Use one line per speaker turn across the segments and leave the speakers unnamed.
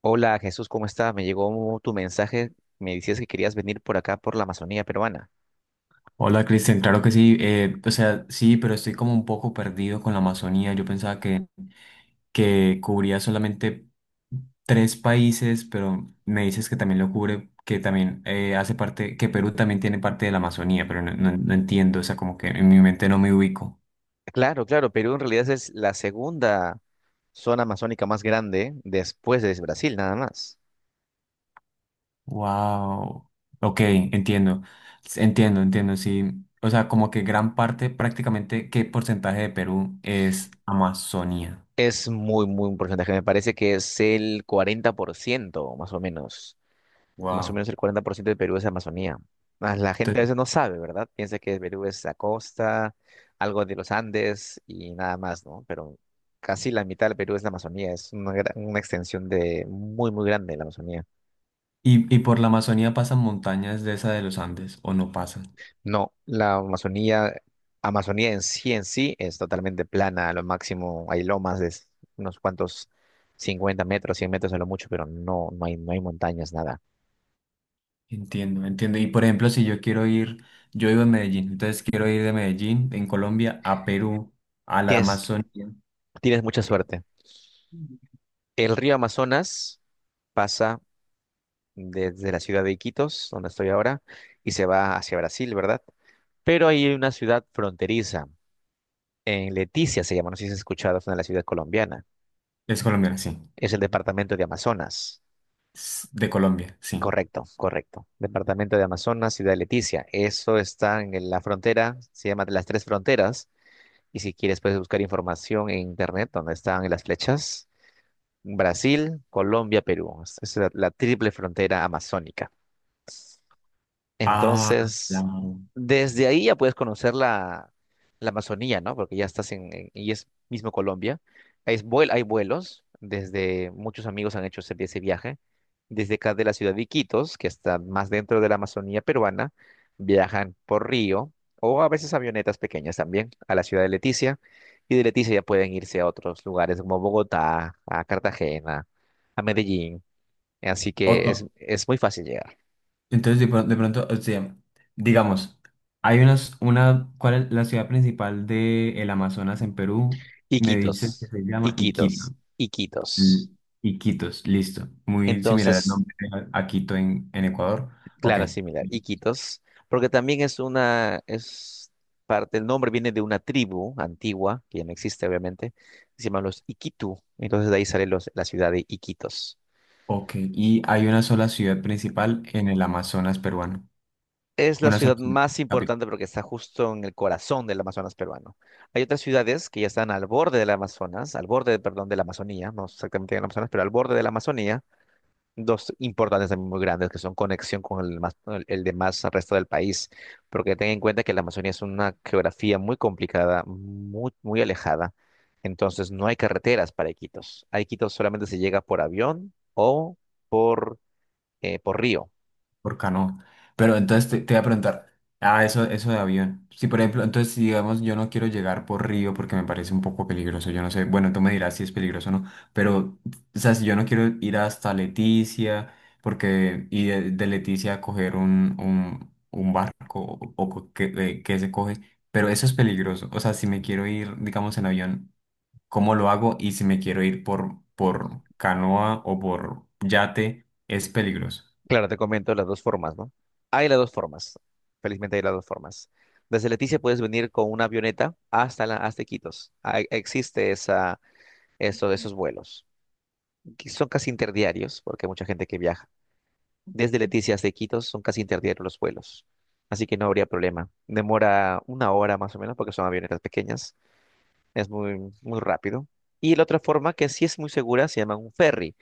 Hola Jesús, ¿cómo estás? Me llegó tu mensaje, me decías que querías venir por acá, por la Amazonía peruana.
Hola Cristian, claro que sí, o sea, sí, pero estoy como un poco perdido con la Amazonía. Yo pensaba que cubría solamente tres países, pero me dices que también lo cubre, que también hace parte, que Perú también tiene parte de la Amazonía, pero no entiendo, o sea, como que en mi mente no me ubico.
Claro, claro, Perú en realidad es la segunda zona amazónica más grande después de Brasil, nada más.
Wow, ok, entiendo, entiendo, entiendo, sí. O sea, como que gran parte, prácticamente, ¿qué porcentaje de Perú es Amazonía?
Es muy, muy un porcentaje, me parece que es el 40% más o menos. Más o
Wow.
menos el 40% de Perú es Amazonía. Mas la gente a veces no sabe, ¿verdad? Piensa que Perú es la costa, algo de los Andes y nada más, ¿no? Pero casi la mitad del Perú es la Amazonía, es una extensión de muy, muy grande de la Amazonía.
Y por la Amazonía pasan montañas de esa de los Andes, o no pasan.
No, la Amazonía en sí es totalmente plana, a lo máximo hay lomas de unos cuantos 50 metros, 100 metros a lo mucho, pero no, no hay montañas, nada.
Entiendo, entiendo. Y por ejemplo, si yo quiero ir, yo vivo en Medellín, entonces quiero ir de Medellín, en Colombia, a Perú, a la
Tienes,
Amazonía.
tienes mucha
eh,
suerte. El río Amazonas pasa desde la ciudad de Iquitos, donde estoy ahora, y se va hacia Brasil, ¿verdad? Pero hay una ciudad fronteriza, en Leticia se llama, no sé si has escuchado, es una de las ciudades colombianas,
Es colombiana, sí.
es el departamento de Amazonas.
De Colombia, sí.
Correcto, correcto. Departamento de Amazonas, ciudad de Leticia. Eso está en la frontera, se llama de las tres fronteras, y si quieres puedes buscar información en internet donde están las flechas. Brasil, Colombia, Perú. Esa es la triple frontera amazónica.
Ah,
Entonces,
claro.
desde ahí ya puedes conocer la Amazonía, ¿no? Porque ya estás en, y es mismo Colombia. Hay vuelos, desde muchos amigos han hecho ese viaje. Desde acá de la ciudad de Iquitos, que está más dentro de la Amazonía peruana, viajan por río o a veces avionetas pequeñas también a la ciudad de Leticia. Y de Leticia ya pueden irse a otros lugares como Bogotá, a Cartagena, a Medellín. Así
O-
que es,
o-
es muy fácil llegar.
entonces, de pronto, o sea, digamos, ¿cuál es la ciudad principal de el Amazonas en Perú? Me
Iquitos,
dices que se llama Iquitos.
Iquitos, Iquitos.
Mm, Iquitos, listo. Muy similar al
Entonces,
nombre a Quito en Ecuador. Ok.
claro, similar, Iquitos, porque también es parte, el nombre viene de una tribu antigua, que ya no existe obviamente, que se llaman los Iquitu, entonces de ahí sale la ciudad de Iquitos.
Ok. Y hay una sola ciudad principal en el Amazonas peruano.
Es la
Una sola
ciudad
ciudad
más
capital.
importante porque está justo en el corazón del Amazonas peruano. Hay otras ciudades que ya están al borde del Amazonas, al borde, perdón, de la Amazonía, no exactamente en el Amazonas, pero al borde de la Amazonía, dos importantes también muy grandes que son conexión con el, más, el demás resto del país, porque ten en cuenta que la Amazonía es una geografía muy complicada, muy, muy alejada, entonces no hay carreteras para Iquitos. A Iquitos solamente se llega por avión o por, por río.
Por canoa. Pero entonces te voy a preguntar, ah, eso de avión. Si por ejemplo, entonces si digamos yo no quiero llegar por río porque me parece un poco peligroso, yo no sé, bueno, tú me dirás si es peligroso o no, pero, o sea, si yo no quiero ir hasta Leticia, de Leticia coger un barco o que se coge, pero eso es peligroso. O sea, si me quiero ir, digamos, en avión, ¿cómo lo hago? Y si me quiero ir por canoa o por yate, es peligroso.
Claro, te comento las dos formas, ¿no? Hay las dos formas, felizmente hay las dos formas. Desde Leticia puedes venir con una avioneta hasta Iquitos. Ah, existe esos vuelos que son casi interdiarios, porque hay mucha gente que viaja desde Leticia hasta Iquitos son casi interdiarios los vuelos, así que no habría problema. Demora 1 hora más o menos porque son avionetas pequeñas, es muy, muy rápido. Y la otra forma que sí es muy segura se llama un ferry.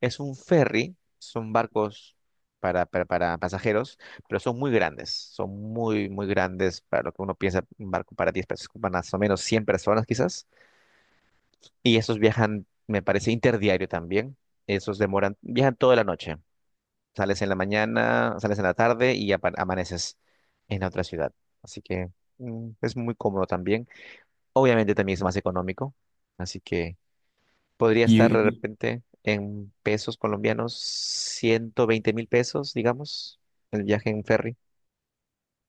Es un ferry, son barcos para pasajeros, pero son muy grandes, son muy, muy grandes para lo que uno piensa, un barco para 10 personas, más o menos 100 personas quizás. Y esos viajan, me parece, interdiario también. Esos demoran, viajan toda la noche. Sales en la mañana, sales en la tarde y amaneces en otra ciudad. Así que es muy cómodo también. Obviamente también es más económico. Así que podría estar de repente en pesos colombianos, 120 mil pesos, digamos, el viaje en ferry.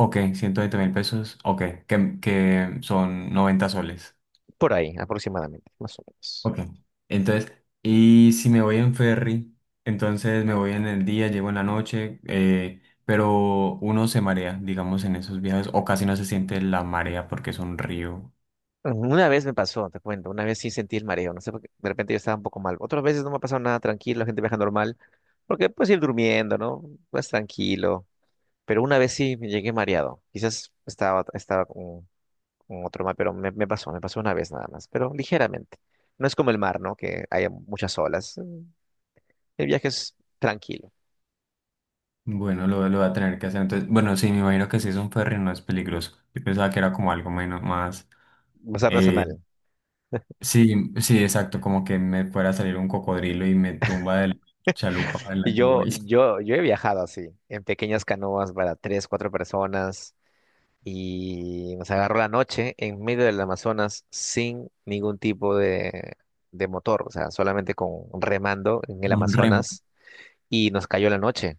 Ok, 120.000 pesos. Ok, que son 90 soles.
Por ahí, aproximadamente, más o menos.
Ok. Entonces, y si me voy en ferry, entonces me voy en el día, llego en la noche, pero uno se marea, digamos, en esos viajes, o casi no se siente la marea porque es un río.
Una vez me pasó, te cuento, una vez sí sentí el mareo, no sé por qué, de repente yo estaba un poco mal. Otras veces no me ha pasado nada tranquilo, la gente viaja normal, porque puedes ir durmiendo, ¿no? Vas tranquilo. Pero una vez sí me llegué mareado. Quizás estaba con, otro mar, pero me pasó una vez nada más, pero ligeramente. No es como el mar, ¿no? Que hay muchas olas. Mm. El viaje es tranquilo,
Bueno, lo voy a tener que hacer. Entonces, bueno, sí, me imagino que si es un ferry no es peligroso. Yo pensaba que era como algo menos más.
más
eh,
artesanal.
sí, sí, exacto, como que me fuera a salir un cocodrilo y me tumba de la chalupa en la
Y
que
yo,
voy.
yo, yo he viajado así, en pequeñas canoas para tres, cuatro personas. Y nos agarró la noche en medio del Amazonas sin ningún tipo de motor, o sea, solamente con remando en el
Un remo.
Amazonas y nos cayó la noche.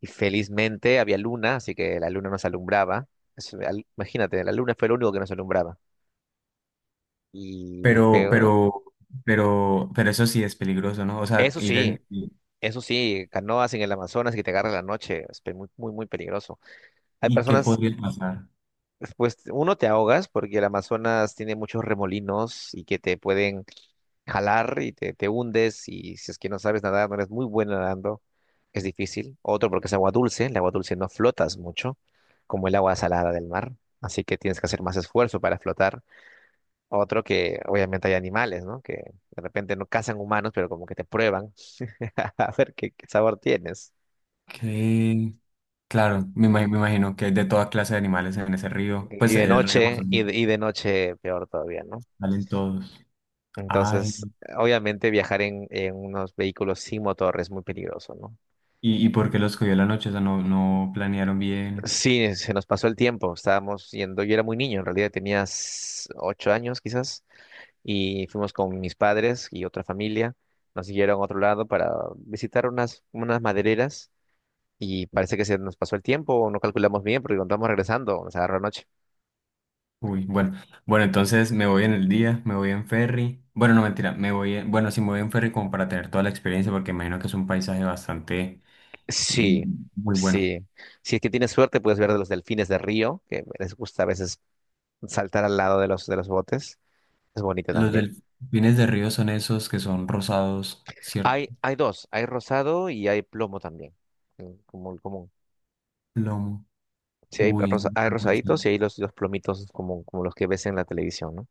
Y felizmente había luna, así que la luna nos alumbraba. Eso, imagínate, la luna fue lo único que nos alumbraba. Y
Pero,
fue,
pero, pero eso sí es peligroso, ¿no? O sea,
eso
ir
sí,
en... ¿Y
eso sí, canoas en el Amazonas que te agarra la noche, es muy, muy, muy peligroso. Hay
y qué
personas.
podría pasar?
Pues uno te ahogas porque el Amazonas tiene muchos remolinos y que te pueden jalar y te hundes y si es que no sabes nadar, no eres muy bueno nadando, es difícil. Otro porque es agua dulce, el agua dulce no flotas mucho, como el agua salada del mar, así que tienes que hacer más esfuerzo para flotar. Otro que obviamente hay animales, ¿no? Que de repente no cazan humanos, pero como que te prueban a ver qué sabor tienes.
Que, claro, me imagino que hay de toda clase de animales en ese río.
Y
Pues
de
el río
noche, y
Amazonas,
de, y de noche peor todavía, ¿no?
salen todos. Ay,
Entonces, obviamente viajar en unos vehículos sin motor es muy peligroso, ¿no?
y por qué los cogió la noche? O sea, no planearon bien.
Sí, se nos pasó el tiempo, estábamos yendo, yo era muy niño, en realidad tenía 8 años quizás, y fuimos con mis padres y otra familia, nos siguieron a otro lado para visitar unas madereras y parece que se nos pasó el tiempo, o no calculamos bien porque cuando estamos regresando nos agarró la noche.
Uy, bueno. Bueno, entonces me voy en el día, me voy en ferry. Bueno, no, mentira, me voy en... Bueno, sí, me voy en ferry como para tener toda la experiencia, porque me imagino que es un paisaje bastante mm,
Sí,
muy bueno.
sí, si es que tienes suerte puedes ver de los delfines de río, que les gusta a veces saltar al lado de los botes. Es bonita
Los
también.
delfines de río son esos que son rosados, ¿cierto?
Hay dos, hay rosado y hay plomo también, como el común.
Lomo.
Sí, hay, rosa-
Uy,
hay rosaditos y hay los plomitos como los que ves en la televisión, ¿no?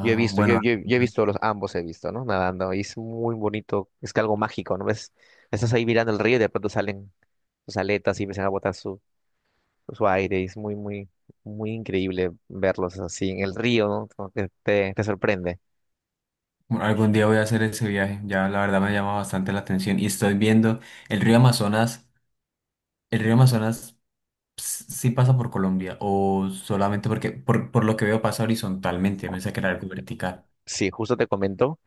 Yo he visto, yo,
Bueno,
yo, yo he visto los ambos, he visto, ¿no? Nadando, y es muy bonito, es que algo mágico, ¿no? Ves, estás ahí mirando el río y de pronto salen sus aletas y empiezan a botar su aire, y es muy, muy, muy increíble verlos así en el río, ¿no? Como que te sorprende.
algún día voy a hacer ese viaje. Ya la verdad me llama bastante la atención. Y estoy viendo el río Amazonas. ¿El río Amazonas sí pasa por Colombia? ¿O solamente porque, por lo que veo, pasa horizontalmente? Me pensé que era algo vertical.
Sí, justo te comento.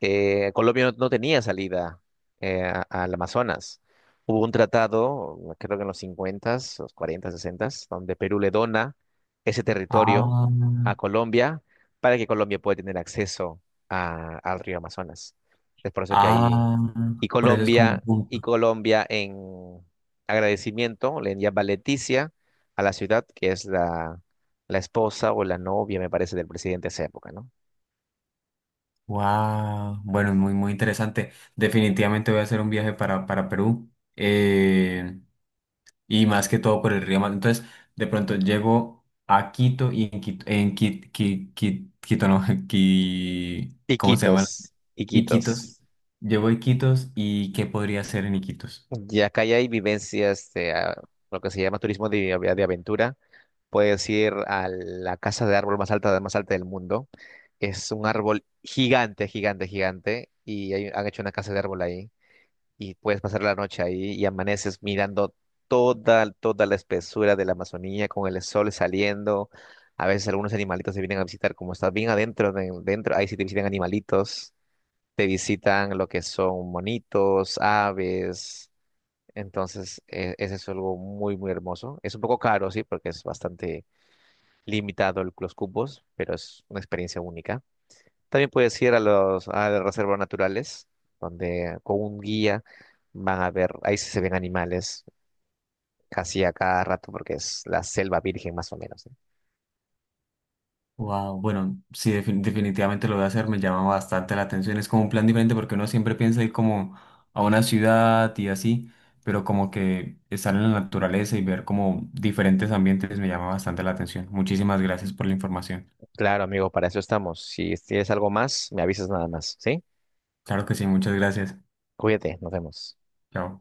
Colombia no tenía salida al Amazonas. Hubo un tratado, creo que en los 50 los 40s, donde Perú le dona ese territorio
Ah,
a Colombia para que Colombia pueda tener acceso al río Amazonas. Es por eso que ahí,
ah,
y
por eso es como un
Colombia, y
punto.
Colombia en agradecimiento le llama Leticia a la ciudad, que es la esposa o la novia, me parece, del presidente de esa época, ¿no?
Wow, bueno, es muy, muy interesante. Definitivamente voy a hacer un viaje para Perú eh, y más que todo por el río Mata. Entonces, de pronto llego a Quito y en Quito, en Quito, no, ¿cómo se
Iquitos,
llama?
Iquitos.
Iquitos. Llego a Iquitos y ¿qué podría hacer en Iquitos?
Ya acá ya hay vivencias de lo que se llama turismo de aventura. Puedes ir a la casa de árbol más alta del mundo. Es un árbol gigante, gigante, gigante. Y han hecho una casa de árbol ahí. Y puedes pasar la noche ahí y amaneces mirando toda la espesura de la Amazonía con el sol saliendo. A veces algunos animalitos se vienen a visitar. Como estás bien adentro, dentro, ahí sí te visitan animalitos. Te visitan lo que son monitos, aves. Entonces, ese es algo muy, muy hermoso. Es un poco caro, sí, porque es bastante limitado los cubos, pero es una experiencia única. También puedes ir a las reservas naturales, donde con un guía van a ver, ahí sí se ven animales casi a cada rato, porque es la selva virgen más o menos, ¿sí?
Wow, bueno, sí, definitivamente lo voy a hacer, me llama bastante la atención. Es como un plan diferente porque uno siempre piensa ir como a una ciudad y así, pero como que estar en la naturaleza y ver como diferentes ambientes me llama bastante la atención. Muchísimas gracias por la información.
Claro, amigo, para eso estamos. Si tienes algo más, me avisas nada más, ¿sí?
Claro que sí, muchas gracias.
Cuídate, nos vemos.
Chao.